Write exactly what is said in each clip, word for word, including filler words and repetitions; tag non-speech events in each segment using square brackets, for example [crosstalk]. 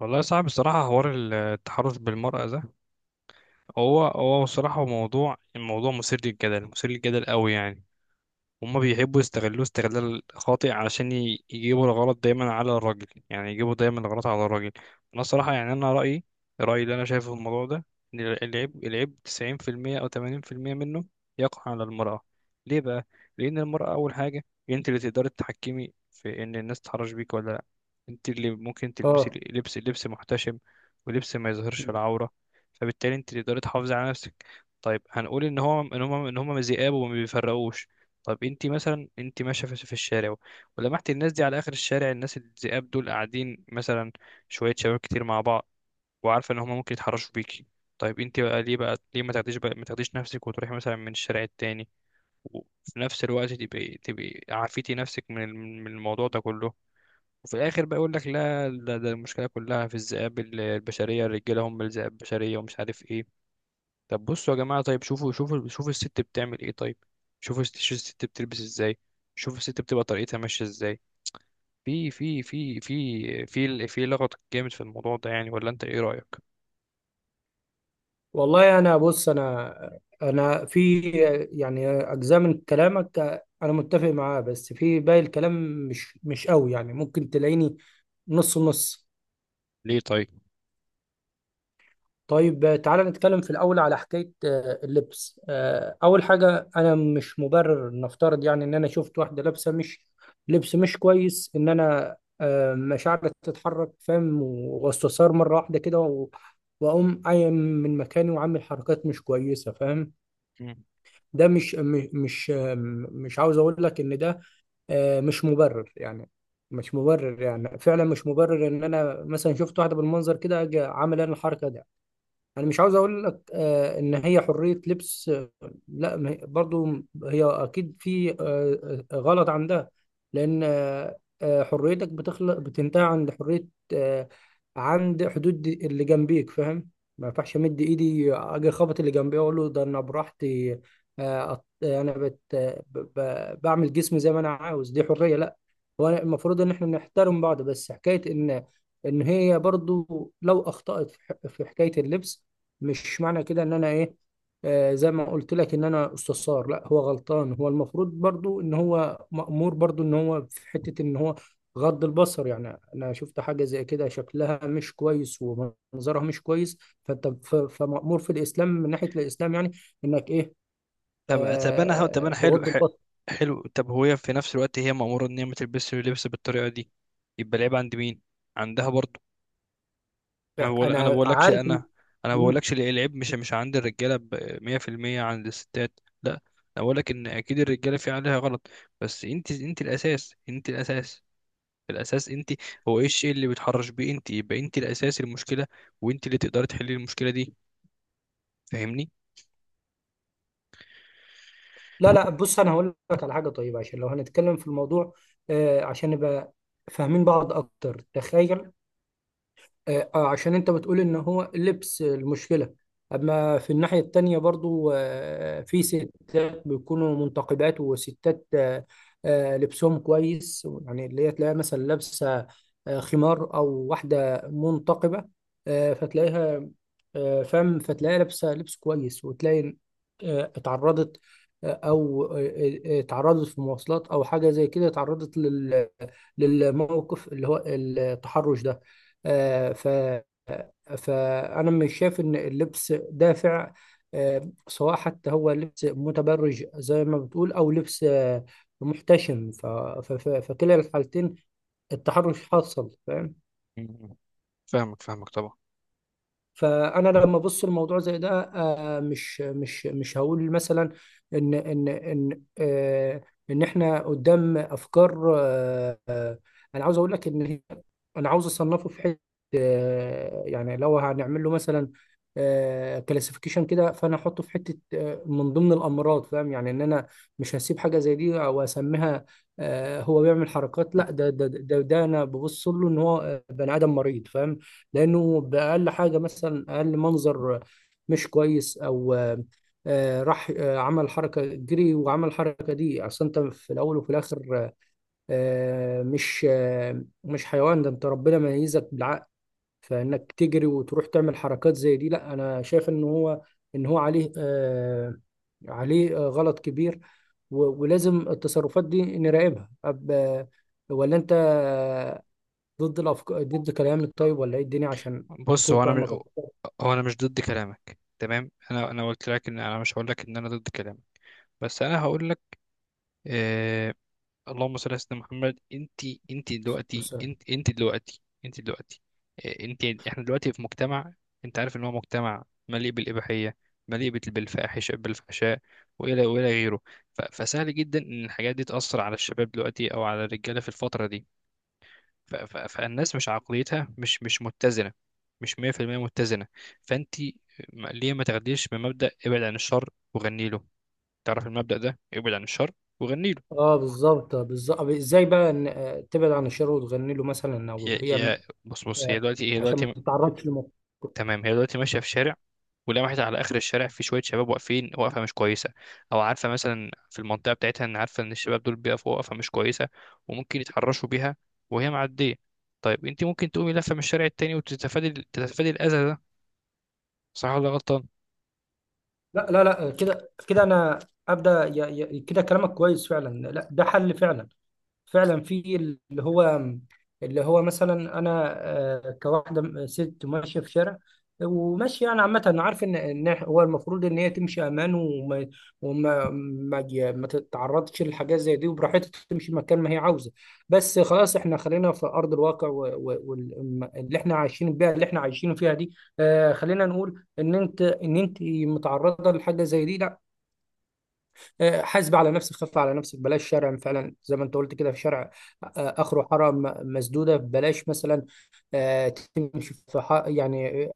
والله صعب الصراحة حوار التحرش بالمرأة ده. هو هو الصراحة موضوع الموضوع مثير للجدل، مثير للجدل قوي يعني. هما بيحبوا يستغلوه استغلال خاطئ علشان ي- يجيبوا الغلط دايما على الراجل، يعني يجيبوا دايما الغلط على الراجل. انا الصراحه يعني انا رايي رايي اللي انا شايفه في الموضوع ده ان ال- العيب العيب تسعون في المئة او تمانين بالمية منه يقع على المراه. ليه بقى؟ لان المراه اول حاجه انت اللي تقدري تتحكمي في ان الناس تتحرش بيك ولا لا. انت اللي ممكن اه. تلبسي لبس لبس محتشم، ولبس ما يظهرش مم. العوره، فبالتالي انت اللي تقدري تحافظي على نفسك. طيب هنقول ان هو ان هم ان هم ذئاب وما بيفرقوش. طب انت مثلا انت ماشيه في في الشارع، ولمحت الناس دي على اخر الشارع، الناس الذئاب دول قاعدين، مثلا شويه شباب كتير مع بعض، وعارفه ان هما ممكن يتحرشوا بيكي. طيب انت بقى ليه بقى ليه ما تاخديش بقى ما تاخديش نفسك وتروحي مثلا من الشارع التاني، وفي نفس الوقت تبقي تبقي عافيتي نفسك من الم- من الموضوع ده كله. وفي الاخر بقى يقول لك لا ده, ده المشكله كلها في الذئاب ال- البشريه، الرجاله هم الذئاب البشريه ومش عارف ايه. طب بصوا يا جماعة، طيب شوفوا شوفوا شوفوا الست بتعمل ايه. طيب شوفوا الست- شوفوا الست بتلبس ازاي، شوفوا الست بتبقى طريقتها ماشية ازاي. في في في في في في لغط جامد في الموضوع ده يعني، ولا انت ايه رأيك؟ والله، انا بص، انا انا في يعني اجزاء من كلامك انا متفق معاه، بس في باقي الكلام مش مش قوي. يعني ممكن تلاقيني نص نص. ليه طيب؟ طيب تعالى نتكلم في الاول على حكايه آه، اللبس. آه، اول حاجه، انا مش مبرر. نفترض يعني ان انا شفت واحده لابسه مش لبس مش كويس ان انا آه، مشاعري تتحرك، فاهم، واستثار مره واحده كده و- واقوم قايم من مكاني وعامل حركات مش كويسه، فاهم. مم. ده مش م- مش مش عاوز اقول لك ان ده آه، مش مبرر يعني. مش مبرر يعني، فعلا مش مبرر ان انا مثلا شفت واحده بالمنظر كده اجي عامل انا الحركه دي. انا مش عاوز اقول لك آه، ان هي حرية لبس. آه، لا، ما هي- برضو هي اكيد في آه، آه، غلط عندها. لان آه، آه، حريتك بتخلق بتنتهي عند حرية آه، عند حدود اللي جنبيك، فاهم. ما ينفعش امد ايدي اجي اخبط اللي جنبي اقول له ده انا براحتي. آه، أط- انا بت آه، ب- ب- بعمل جسمي زي ما انا عاوز، دي حرية؟ لا، هو المفروض ان احنا نحترم بعض. بس حكاية ان ان هي برضو لو اخطأت في ح- في حكاية اللبس، مش معنى كده ان انا ايه، آه زي ما قلت لك، ان انا استثار. لا، هو غلطان، هو المفروض برضو ان هو مأمور، برضو ان هو في حتة ان هو غض البصر. يعني انا شفت حاجة زي كده شكلها مش كويس ومنظرها مش كويس، فانت ف- فمأمور في الاسلام، من ناحية الاسلام يعني، انك ايه، طب طب انا طب آه انا حلو تغض ح- البصر. حلو. طب هو هي في نفس الوقت هي مأمورة ان هي ما تلبسش اللبس بالطريقة دي، يبقى العيب عند مين؟ عندها برضه. انا بقول انا انا بقولكش عارف إن- انا انا مم. بقولكش ال- العيب مش مش عند الرجاله ب مئة في المئة، عند الستات، لا انا بقولك ان اكيد الرجاله في عليها غلط، بس انت انت الاساس، انت الاساس الاساس انت. هو ايه الشيء اللي بيتحرش بيه انت؟ يبقى انت الاساس، المشكله، وانت اللي تقدري تحلي المشكله دي، فاهمني. لا لا، بص، انا هقول لك على حاجة طيبة عشان لو هنتكلم في الموضوع آه عشان نبقى فاهمين بعض اكتر. تخيل، آه آه، عشان انت بتقول ان هو اللبس المشكلة. اما في الناحية التانية برضو آه في ستات بيكونوا منتقبات وستات آه آه لبسهم كويس، يعني اللي هي تلاقيها مثلا لابسة آه خمار او واحدة منتقبة، آه فتلاقيها آه فم فتلاقيها لابسة لبس كويس، وتلاقي آه اتعرضت، آه، او آه، آه، اتعرضت في مواصلات او حاجه زي كده، اتعرضت لل... للموقف اللي هو التحرش ده. آه، ف فأنا مش شايف إن اللبس دافع، آه، سواء حتى هو لبس متبرج زي ما بتقول أو لبس آه، محتشم. ف... ف... ف- فكلا الحالتين، التحرش حاصل، فاهم. مم. فاهمك فاهمك طبعا. فانا لما ابص الموضوع زي ده، آه، مش مش مش هقول مثلا ان ان ان آه، ان احنا قدام افكار آه، آه، انا عاوز اقول لك ان انا عاوز اصنفه في حته، آه، يعني لو هنعمل له مثلا كلاسيفيكيشن كده، فانا احطه في حته آه، من ضمن الامراض، فاهم. يعني ان انا مش هسيب حاجه زي دي او اسميها آه، هو بيعمل حركات. لا، ده ده ده, ده انا ببص له ان هو آه، بني ادم مريض، فاهم. لانه باقل حاجه، مثلا اقل منظر مش كويس، او آه، راح آه، عمل حركه جري وعمل الحركه دي. اصل انت في الاول وفي الاخر آه، مش آه، مش حيوان. ده انت ربنا ميزك بالعقل، فانك تجري وتروح تعمل حركات زي دي؟ لا، انا شايف ان هو ان هو عليه آه، عليه آه، غلط كبير، و- ولازم التصرفات دي نراقبها. أب- ولا انت ضد الافكار، ضد كلامك، طيب؟ ولا ايه الدنيا، عشان بص اكون هو انا فاهمك م... أكتر. هو انا مش ضد كلامك، تمام، انا انا قلت لك ان انا مش هقول لك ان انا ضد كلامك، بس انا هقول لك، آه، اللهم صل على سيدنا محمد. انت انت دلوقتي مثال. انت انت دلوقتي انت دلوقتي إيه، انت، احنا دلوقتي في مجتمع، انت عارف ان هو مجتمع مليء بالاباحيه، مليء بال- بالفاحشه، بالفحشاء، والى والى غيره. ف- فسهل جدا ان الحاجات دي تاثر على الشباب دلوقتي او على الرجاله في الفتره دي. ف- ف- فالناس مش عقليتها مش مش متزنه، مش مئة في المئة متزنه. فانت، م- ليه ما تاخديش بمبدا ابعد عن الشر وغني له. تعرف المبدا ده؟ ابعد عن الشر وغني له. اه بالظبط، بالظبط. ازاي بقى ان آه، تبعد عن الشر وتغني له مثلا، او هي هي هي- م- بص بص هي آه، دلوقتي، هي عشان ما دلوقتي تتعرضش لمخ. تمام، هي دلوقتي ماشيه في شارع، ولمحت على اخر الشارع في شويه شباب واقفين وقفه مش كويسه، او عارفه مثلا في المنطقه بتاعتها ان عارفه ان الشباب دول بيقفوا وقفه مش كويسه وممكن يتحرشوا بيها، وهي معديه. طيب انت ممكن تقومي لفه من الشارع التاني وتتفادي تتفادي الاذى ده، صح ولا غلطان؟ لا لا لا آه، كده كده انا ابدا، ي- ي- كده كلامك كويس فعلا، لا ده حل فعلا. فعلا في اللي هو، اللي هو مثلا انا آه، كواحده ست ماشيه في شارع وماشيه، يعني عامه، انا عارف ان ان هو المفروض ان هي تمشي امان وما وما ما, ي- ما تتعرضش لحاجات زي دي، وبراحتها تمشي مكان ما هي عاوزه. بس خلاص، احنا خلينا في ارض الواقع، واللي احنا عايشين بيها اللي احنا عايشين فيها دي. آه، خلينا نقول ان انت ان انت متعرضه لحاجه زي دي، لا، آه، حاسب على نفسك، خف على نفسك، بلاش شرع فعلا زي ما انت قلت كده، في شرع آه، اخره حاره م- مسدوده، بلاش مثلا آه، تمشي في حق يعني،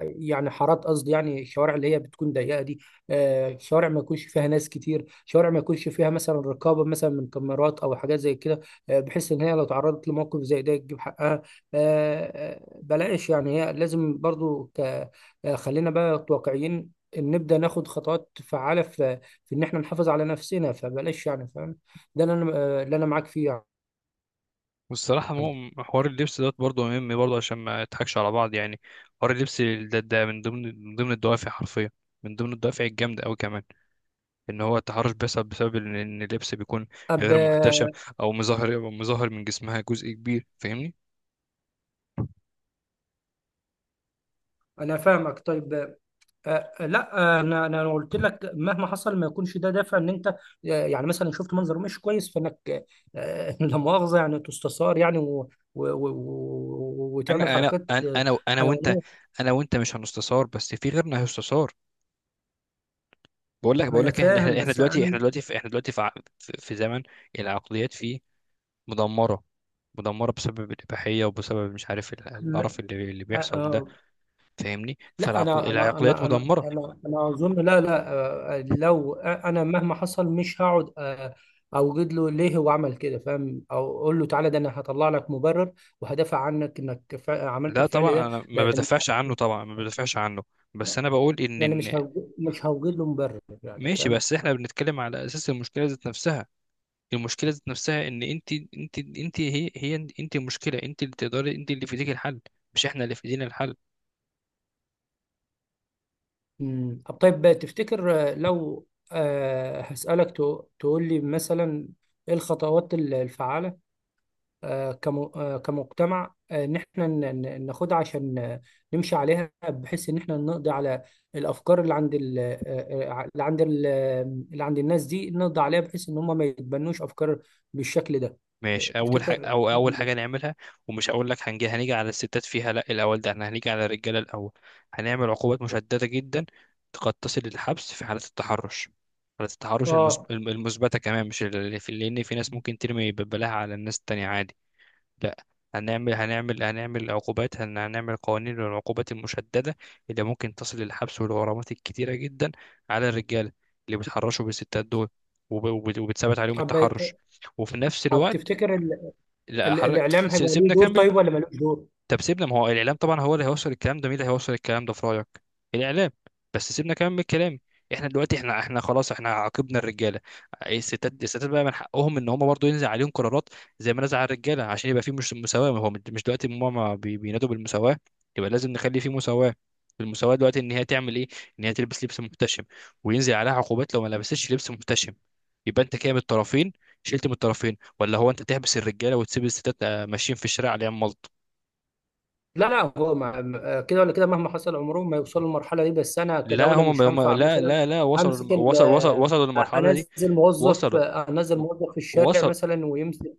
يعني حارات، قصدي يعني الشوارع اللي هي بتكون ضيقه دي آه، شوارع ما يكونش فيها ناس كتير، شوارع ما يكونش فيها مثلا رقابه مثلا من كاميرات او حاجات زي كده آه، بحيث ان هي لو تعرضت لموقف زي ده تجيب حقها. آه، آه، بلاش يعني، هي لازم برضو ك... آه، خلينا بقى واقعيين، إن نبدا ناخد خطوات فعاله في في ان احنا نحافظ على نفسنا. فبلاش يعني، فاهم، ده اللي انا آه، اللي انا معاك فيه والصراحه يعني. مو- حوار اللبس دوت برضه مهم، برضه عشان ما نضحكش على بعض يعني. حوار اللبس ده، ده من ضمن من ضمن الدوافع، حرفيا من ضمن الدوافع الجامده قوي كمان، ان هو التحرش بيحصل بسبب ان إن اللبس بيكون طب غير محتشم، آه، او مظهر مظهر من جسمها جزء كبير، فاهمني. انا فاهمك. طيب آه، آه، لا آه، انا انا أنا قلت لك مهما حصل، ما يكونش ده دافع ان انت آه، يعني مثلا شفت منظر مش كويس، فانك آه، [laughs] لا مؤاخذه يعني تستثار يعني و و و و وتعمل انا انا حركات انا آه، انا انا وانت حيوانيه. انا وانت مش هنستثار، بس في غيرنا هيستثار. بقول لك ما بقول انا لك احنا، فاهم، احنا إحنا بس دلوقتي انا احنا دلوقتي في احنا دلوقتي في ع- في في زمن العقليات فيه مدمره، مدمره بسبب الاباحيه وبسبب مش عارف ال- م- القرف اللي اللي آه، بيحصل ده، آه، فاهمني. لا فالعقل انا انا العقليات انا انا مدمره. انا انا اظن، لا لا آه، آه، لو انا مهما حصل، مش هقعد آه، اوجد له ليه هو عمل كده، فاهم، او اقول له تعالى ده انا هطلع لك مبرر وهدافع عنك انك فع- عملت لا الفعل طبعا ده. انا ما لان بدافعش عنه، طبعا ما بدافعش عنه، بس لا، انا بقول ان انا مش إن هوج- مش هوجد له مبرر يعني، ماشي، فاهم. بس احنا بنتكلم على اساس المشكله ذات نفسها. المشكله ذات نفسها ان انت انت انت هي هي انت المشكله، انت اللي تقدري، انت اللي في ايديك الحل، مش احنا اللي في ايدينا الحل. امم. طب طيب، تفتكر آه، لو آه، هسألك تو- تقول لي مثلا ايه الخطوات ال- الفعالة آه، كمو- آه، كمجتمع آه، ان احنا ن- ن- ناخدها عشان آه، نمشي عليها بحيث ان احنا نقضي على الافكار اللي عند ال- آه، آه، اللي عند ال- آه، اللي عند الناس دي، نقضي عليها بحيث ان هم ما يتبنوش افكار بالشكل ده. آه، ماشي اول حاجه، تفتكر او اول نعمل حاجه إيه؟ نعملها، ومش هقول لك هنجي هنيجي على الستات فيها، لا، الاول ده احنا هنيجي على الرجاله الاول. هنعمل عقوبات مشدده جدا قد تصل للحبس في حاله التحرش، حاله التحرش اه. المثب- المثبته كمان مش اللي في، لان في ناس ممكن ترمي ببلاها على الناس التانية عادي، لا. هنعمل هنعمل هنعمل عقوبات، هن- هنعمل قوانين للعقوبات المشددة، اللي ممكن تصل للحبس والغرامات الكتيرة جدا، على الرجالة اللي بيتحرشوا بالستات دول وب- وب- وبتثبت عليهم طب التحرش. وفي نفس طب، الوقت، تفتكر ال- لا حر... الاعلام س- هيبقى له سيبنا دور كمل. طيب، ولا ملوش دور؟ طب سيبنا، ما هو الاعلام طبعا هو اللي هيوصل الكلام ده، مين اللي هيوصل الكلام ده في رايك؟ الاعلام. بس سيبنا كمان من الكلام. احنا دلوقتي، احنا احنا خلاص احنا عاقبنا الرجاله، الستات الستات بقى من حقهم ان هم برضو ينزل عليهم قرارات زي ما نزل على الرجاله عشان يبقى في مش مساواه، ما هو مش دلوقتي ماما بي- بينادوا بالمساواه، يبقى لازم نخلي في مساواه. المساواه دلوقتي ان هي تعمل ايه؟ ان هي تلبس لبس محتشم، وينزل عليها عقوبات لو ما لبستش لبس محتشم. يبقى انت كده من الطرفين شلت من الطرفين، ولا هو انت تحبس الرجاله وتسيب الستات آه، ماشيين في الشارع عليهم؟ لا لا، هو ما ما- كده ولا كده مهما حصل عمرهم ما يوصلوا للمرحله دي، بس انا لا كدوله هم مش هم هينفع لا مثلا لا لا امسك وصلوا، ال- وصلوا وصلوا وصلوا آه، للمرحلة دي. انزل موظف وصلوا آه، انزل موظف في الشارع وصل. مثلا ويمسك،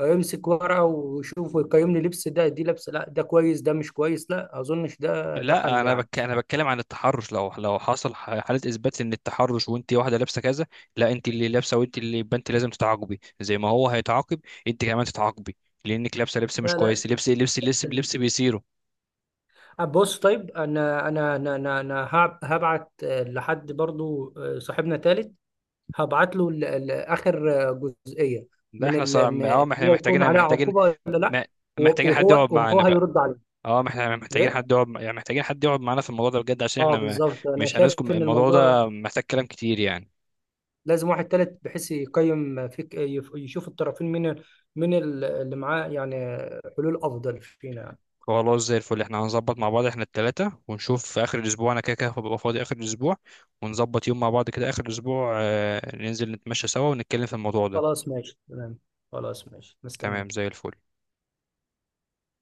يمسك ورقه ويشوف ويقيم لي لبس ده، دي لبس، لا ده كويس، ده مش كويس، لا اظنش ده ده لا حل انا يعني. بك... انا بتكلم عن التحرش، لو لو حصل ح- حاله اثبات ان التحرش وانت واحده لابسه كذا، لا انت اللي لابسه، وانت اللي يبقى انت لازم تتعاقبي زي ما هو هيتعاقب، انت كمان تتعاقبي، لانك لابسه لبس مش لا لا، كويس، لبس لبس لبس ال- لبس بيصيره. بص طيب، انا انا انا انا أنا هب- هبعت آه، لحد برضو آه، صاحبنا تالت، هبعت له ال- ال- اخر جزئيه، ده من احنا ال- صار، اه ان إن ما احنا هي يكون محتاجين عليها محتاجين عقوبه ولا لا، م- و- محتاجين حد وهو يقعد وهو معانا بقى. هيرد عليه. اه ما احنا محتاجين ليه؟ حد يقعد يعني، محتاجين حد يقعد معانا في الموضوع ده بجد، عشان اه احنا م- بالظبط، انا مش شايف هنسكت، ان الموضوع الموضوع ده محتاج كلام كتير يعني. لازم واحد تالت بحيث يقيم فيك، يف- يشوف الطرفين من من اللي معاه يعني حلول افضل فينا. خلاص زي الفل، احنا هنظبط مع بعض احنا التلاتة، ونشوف في اخر الاسبوع، انا كده كده هبقى فاضي اخر الاسبوع، ونظبط يوم مع بعض كده اخر الاسبوع، آه، ننزل نتمشى سوا ونتكلم في الموضوع ده. خلاص ماشي، تمام. خلاص ماشي، مستني. تمام زي الفل.